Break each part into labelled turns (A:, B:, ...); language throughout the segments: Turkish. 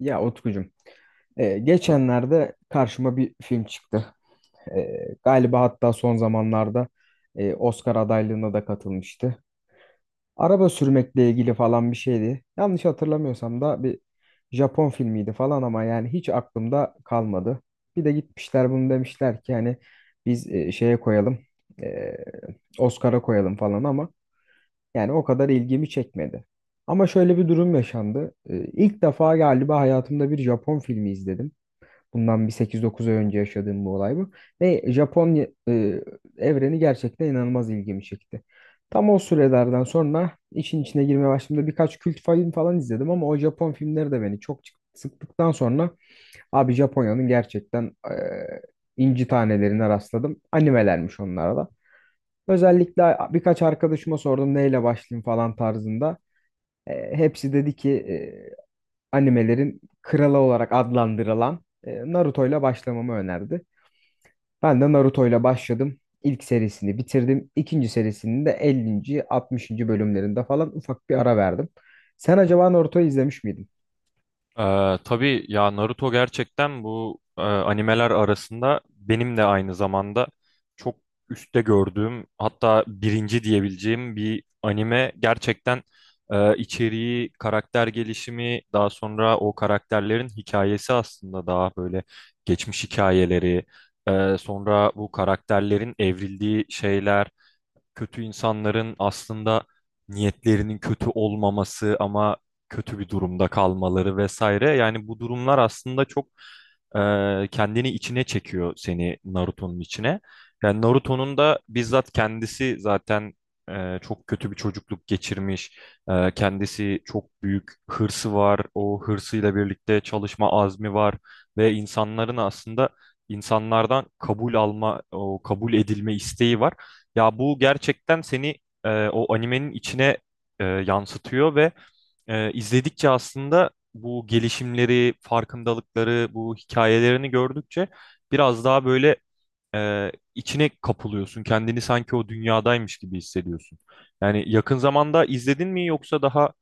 A: Ya Utkucuğum, geçenlerde karşıma bir film çıktı. Galiba hatta son zamanlarda Oscar adaylığına da katılmıştı. Araba sürmekle ilgili falan bir şeydi. Yanlış hatırlamıyorsam da bir Japon filmiydi falan ama yani hiç aklımda kalmadı. Bir de gitmişler bunu demişler ki hani biz şeye koyalım, e, Oscar'a koyalım falan ama yani o kadar ilgimi çekmedi. Ama şöyle bir durum yaşandı. İlk defa galiba hayatımda bir Japon filmi izledim. Bundan bir 8-9 ay önce yaşadığım bu olay bu. Ve Japonya evreni gerçekten inanılmaz ilgimi çekti. Tam o sürelerden sonra işin içine girmeye başladığımda birkaç kült film falan izledim ama o Japon filmleri de beni çok sıktıktan sonra abi Japonya'nın gerçekten inci tanelerine rastladım. Animelermiş onlara da. Özellikle birkaç arkadaşıma sordum neyle başlayayım falan tarzında. Hepsi dedi ki animelerin kralı olarak adlandırılan Naruto ile başlamamı önerdi. Ben de Naruto ile başladım. İlk serisini bitirdim. İkinci serisinin de 50. 60. bölümlerinde falan ufak bir ara verdim. Sen acaba Naruto'yu izlemiş miydin?
B: Tabii ya, Naruto gerçekten bu animeler arasında benim de aynı zamanda çok üstte gördüğüm, hatta birinci diyebileceğim bir anime gerçekten. İçeriği, karakter gelişimi, daha sonra o karakterlerin hikayesi, aslında daha böyle geçmiş hikayeleri, sonra bu karakterlerin evrildiği şeyler, kötü insanların aslında niyetlerinin kötü olmaması ama kötü bir durumda kalmaları vesaire. Yani bu durumlar aslında çok kendini içine çekiyor, seni Naruto'nun içine. Yani Naruto'nun da bizzat kendisi zaten çok kötü bir çocukluk geçirmiş. Kendisi, çok büyük hırsı var. O hırsıyla birlikte çalışma azmi var ve insanların aslında insanlardan kabul alma, o kabul edilme isteği var. Ya bu gerçekten seni o animenin içine yansıtıyor ve izledikçe aslında bu gelişimleri, farkındalıkları, bu hikayelerini gördükçe biraz daha böyle içine kapılıyorsun. Kendini sanki o dünyadaymış gibi hissediyorsun. Yani yakın zamanda izledin mi, yoksa daha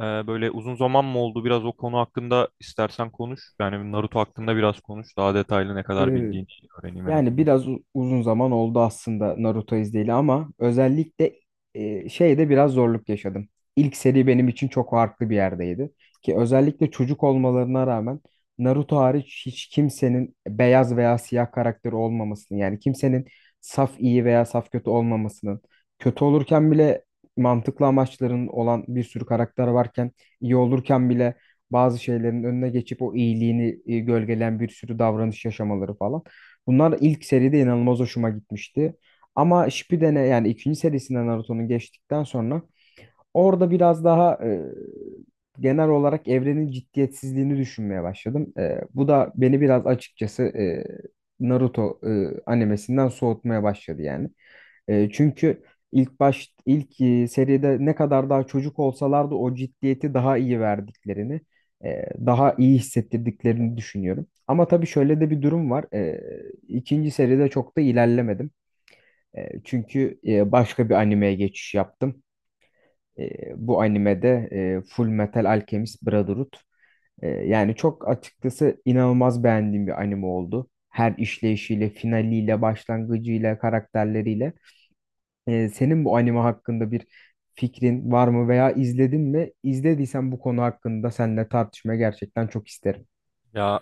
B: böyle uzun zaman mı oldu? Biraz o konu hakkında istersen konuş. Yani Naruto hakkında biraz konuş. Daha detaylı ne kadar
A: Ee,
B: bildiğini öğreneyim en
A: Yani
B: azından.
A: biraz uzun zaman oldu aslında Naruto izleyeli ama özellikle şeyde biraz zorluk yaşadım. İlk seri benim için çok farklı bir yerdeydi. Ki özellikle çocuk olmalarına rağmen Naruto hariç hiç kimsenin beyaz veya siyah karakteri olmamasının yani kimsenin saf iyi veya saf kötü olmamasının kötü olurken bile mantıklı amaçların olan bir sürü karakter varken iyi olurken bile bazı şeylerin önüne geçip o iyiliğini gölgeleyen bir sürü davranış yaşamaları falan. Bunlar ilk seride inanılmaz hoşuma gitmişti. Ama Shippuden'e yani ikinci serisinden Naruto'nun geçtikten sonra orada biraz daha genel olarak evrenin ciddiyetsizliğini düşünmeye başladım. Bu da beni biraz açıkçası Naruto animesinden soğutmaya başladı yani. Çünkü ilk seride ne kadar daha çocuk olsalardı o ciddiyeti daha iyi verdiklerini, daha iyi hissettirdiklerini düşünüyorum. Ama tabii şöyle de bir durum var. E, ikinci seride çok da ilerlemedim. Çünkü başka bir animeye geçiş yaptım. E, bu animede Full Metal Alchemist Brotherhood. Yani çok açıkçası inanılmaz beğendiğim bir anime oldu. Her işleyişiyle, finaliyle, başlangıcıyla, karakterleriyle. Senin bu anime hakkında bir fikrin var mı veya izledin mi? İzlediysen bu konu hakkında seninle tartışmaya gerçekten çok isterim.
B: Ya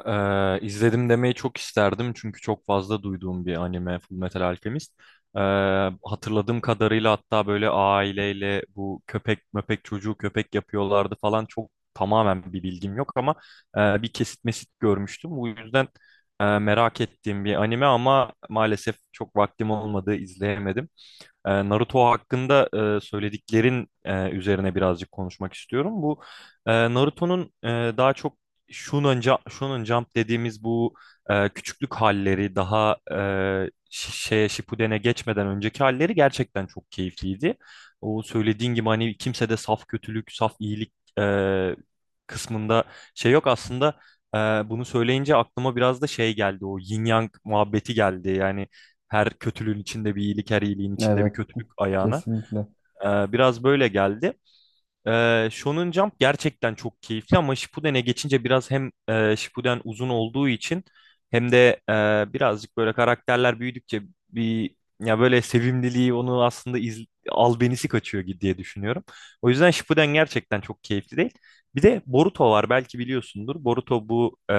B: izledim demeyi çok isterdim, çünkü çok fazla duyduğum bir anime Fullmetal Alchemist. Eee, Hatırladığım kadarıyla, hatta böyle aileyle bu köpek möpek çocuğu köpek yapıyorlardı falan, çok tamamen bir bilgim yok ama bir kesit mesit görmüştüm. Bu yüzden merak ettiğim bir anime ama maalesef çok vaktim olmadı, izleyemedim. Naruto hakkında söylediklerin üzerine birazcık konuşmak istiyorum. Bu Naruto'nun daha çok Shonen Jump, Shonen Jump dediğimiz bu küçüklük halleri, daha şeye, Shippuden'e geçmeden önceki halleri gerçekten çok keyifliydi. O söylediğin gibi hani kimsede saf kötülük, saf iyilik e, kısmında şey yok aslında. e, Bunu söyleyince aklıma biraz da şey geldi, o yin yang muhabbeti geldi. Yani her kötülüğün içinde bir iyilik, her iyiliğin içinde bir
A: Evet,
B: kötülük ayağına.
A: kesinlikle.
B: Biraz böyle geldi. Shonen Jump gerçekten çok keyifli ama Shippuden'e geçince biraz, hem Shippuden uzun olduğu için, hem de birazcık böyle karakterler büyüdükçe bir, ya böyle sevimliliği, onu aslında albenisi kaçıyor diye düşünüyorum. O yüzden Shippuden gerçekten çok keyifli değil. Bir de Boruto var, belki biliyorsundur. Boruto, bu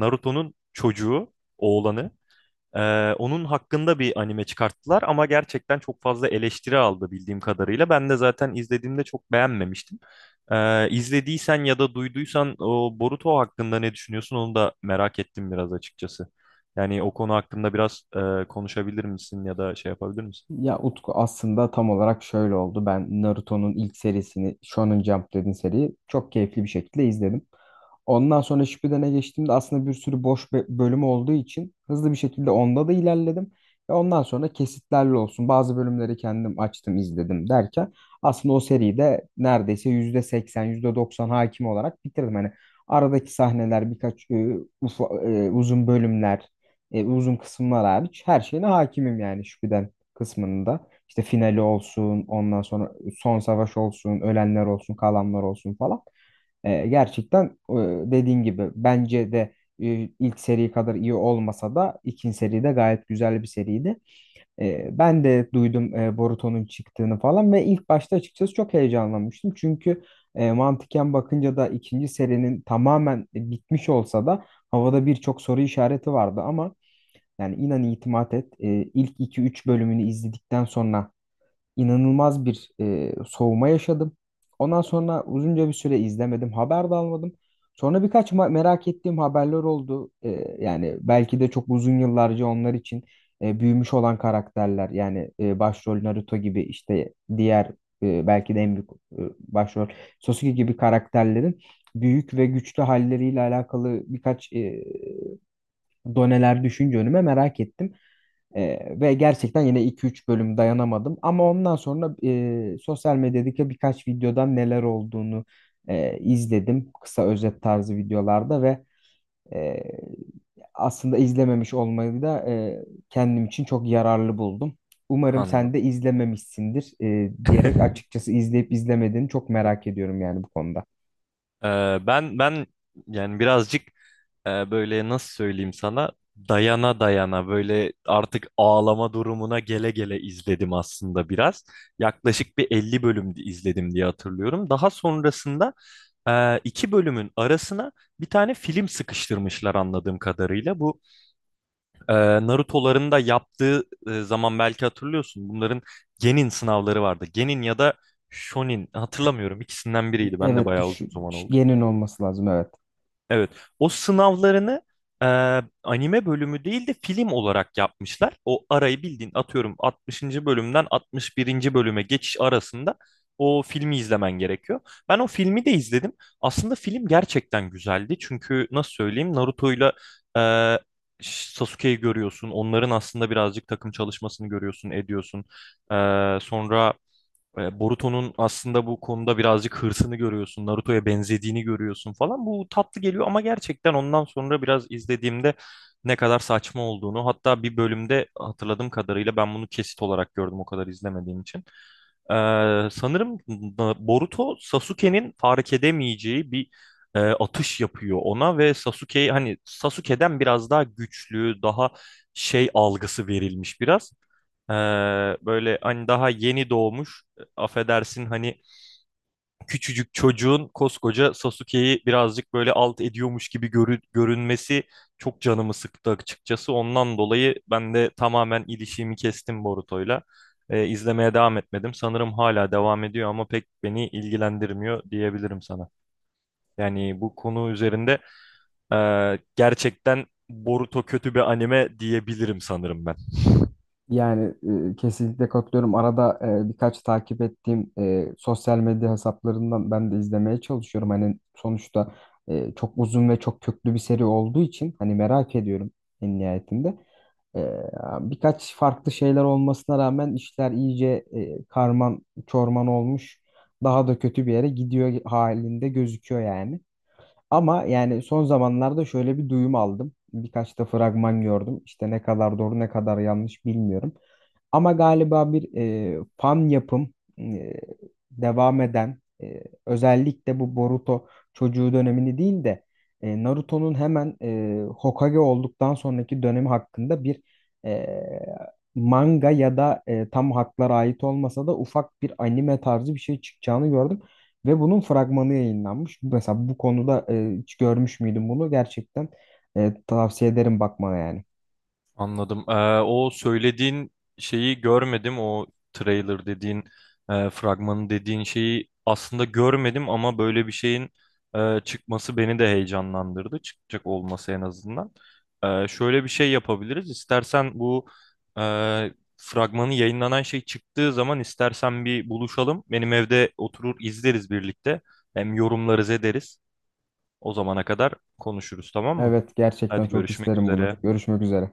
B: Naruto'nun çocuğu, oğlanı. Onun hakkında bir anime çıkarttılar ama gerçekten çok fazla eleştiri aldı bildiğim kadarıyla. Ben de zaten izlediğimde çok beğenmemiştim. İzlediysen ya da duyduysan, o Boruto hakkında ne düşünüyorsun, onu da merak ettim biraz açıkçası. Yani o konu hakkında biraz konuşabilir misin ya da şey yapabilir misin?
A: Ya Utku aslında tam olarak şöyle oldu. Ben Naruto'nun ilk serisini Shonen Jump dediğin seriyi çok keyifli bir şekilde izledim. Ondan sonra Shippuden'e geçtiğimde aslında bir sürü boş bölümü olduğu için hızlı bir şekilde onda da ilerledim. Ve ondan sonra kesitlerle olsun bazı bölümleri kendim açtım izledim derken aslında o seriyi de neredeyse %80 %90 hakim olarak bitirdim. Hani aradaki sahneler birkaç uzun bölümler uzun kısımlar hariç her şeyine hakimim yani kısmında işte finali olsun, ondan sonra son savaş olsun, ölenler olsun, kalanlar olsun falan. Gerçekten e, dediğin gibi bence de ilk seri kadar iyi olmasa da ikinci seri de gayet güzel bir seriydi. Ben de duydum Boruto'nun çıktığını falan ve ilk başta açıkçası çok heyecanlanmıştım. Çünkü mantıken bakınca da ikinci serinin tamamen bitmiş olsa da havada birçok soru işareti vardı ama yani inan itimat et. E, ilk 2-3 bölümünü izledikten sonra inanılmaz bir soğuma yaşadım. Ondan sonra uzunca bir süre izlemedim. Haber de almadım. Sonra birkaç merak ettiğim haberler oldu. Yani belki de çok uzun yıllarca onlar için büyümüş olan karakterler. Yani başrol Naruto gibi işte diğer belki de en büyük başrol Sasuke gibi karakterlerin büyük ve güçlü halleriyle alakalı birkaç doneler düşünce önüme merak ettim. Ve gerçekten yine 2-3 bölüm dayanamadım. Ama ondan sonra sosyal medyadaki birkaç videodan neler olduğunu izledim. Kısa özet tarzı videolarda ve e, aslında izlememiş olmayı da kendim için çok yararlı buldum. Umarım sen
B: Anladım.
A: de izlememişsindir diyerek açıkçası izleyip izlemediğini çok merak ediyorum yani bu konuda.
B: Ee, ben yani birazcık böyle, nasıl söyleyeyim sana, dayana dayana böyle artık ağlama durumuna gele gele izledim aslında biraz. Yaklaşık bir 50 bölüm izledim diye hatırlıyorum. Daha sonrasında iki bölümün arasına bir tane film sıkıştırmışlar anladığım kadarıyla. Bu e, Naruto'ların da yaptığı zaman belki hatırlıyorsun. Bunların Genin sınavları vardı. Genin ya da Shonin, hatırlamıyorum, ikisinden biriydi. Ben de
A: Evet,
B: bayağı uzun zaman oldu.
A: yeni olması lazım evet.
B: Evet. O sınavlarını e, anime bölümü değil de film olarak yapmışlar. O arayı, bildiğin atıyorum, 60. bölümden 61. bölüme geçiş arasında o filmi izlemen gerekiyor. Ben o filmi de izledim. Aslında film gerçekten güzeldi. Çünkü nasıl söyleyeyim, Naruto'yla e, Sasuke'yi görüyorsun. Onların aslında birazcık takım çalışmasını görüyorsun, ediyorsun. E, Sonra Boruto'nun aslında bu konuda birazcık hırsını görüyorsun, Naruto'ya benzediğini görüyorsun falan. Bu tatlı geliyor ama gerçekten ondan sonra biraz izlediğimde ne kadar saçma olduğunu, hatta bir bölümde hatırladığım kadarıyla, ben bunu kesit olarak gördüm o kadar izlemediğim için. E, Sanırım Boruto, Sasuke'nin fark edemeyeceği bir atış yapıyor ona ve Sasuke'yi, hani Sasuke'den biraz daha güçlü, daha şey algısı verilmiş biraz. Ee, Böyle hani daha yeni doğmuş, affedersin hani, küçücük çocuğun koskoca Sasuke'yi birazcık böyle alt ediyormuş gibi görünmesi çok canımı sıktı açıkçası. Ondan dolayı ben de tamamen ilişiğimi kestim Boruto'yla. İzlemeye devam etmedim. Sanırım hala devam ediyor ama pek beni ilgilendirmiyor diyebilirim sana. Yani bu konu üzerinde gerçekten Boruto kötü bir anime diyebilirim sanırım ben.
A: Yani kesinlikle katılıyorum. Arada birkaç takip ettiğim sosyal medya hesaplarından ben de izlemeye çalışıyorum. Hani sonuçta çok uzun ve çok köklü bir seri olduğu için hani merak ediyorum en nihayetinde. E, birkaç farklı şeyler olmasına rağmen işler iyice karman çorman olmuş. Daha da kötü bir yere gidiyor halinde gözüküyor yani. Ama yani son zamanlarda şöyle bir duyum aldım. Birkaç da fragman gördüm. İşte ne kadar doğru ne kadar yanlış bilmiyorum. Ama galiba bir fan yapım e, devam eden özellikle bu Boruto çocuğu dönemini değil de Naruto'nun hemen Hokage olduktan sonraki dönemi hakkında bir e, manga ya da tam haklara ait olmasa da ufak bir anime tarzı bir şey çıkacağını gördüm. Ve bunun fragmanı yayınlanmış. Mesela bu konuda hiç görmüş müydün bunu? Gerçekten tavsiye ederim bakmana yani.
B: Anladım. O söylediğin şeyi görmedim. O trailer dediğin, fragmanı dediğin şeyi aslında görmedim ama böyle bir şeyin çıkması beni de heyecanlandırdı. Çıkacak olması en azından. Şöyle bir şey yapabiliriz. İstersen bu e, fragmanı yayınlanan şey çıktığı zaman istersen bir buluşalım. Benim evde oturur izleriz birlikte. Hem yorumlarız ederiz. O zamana kadar konuşuruz, tamam mı?
A: Evet, gerçekten
B: Hadi,
A: çok
B: görüşmek
A: isterim bunu.
B: üzere.
A: Görüşmek üzere.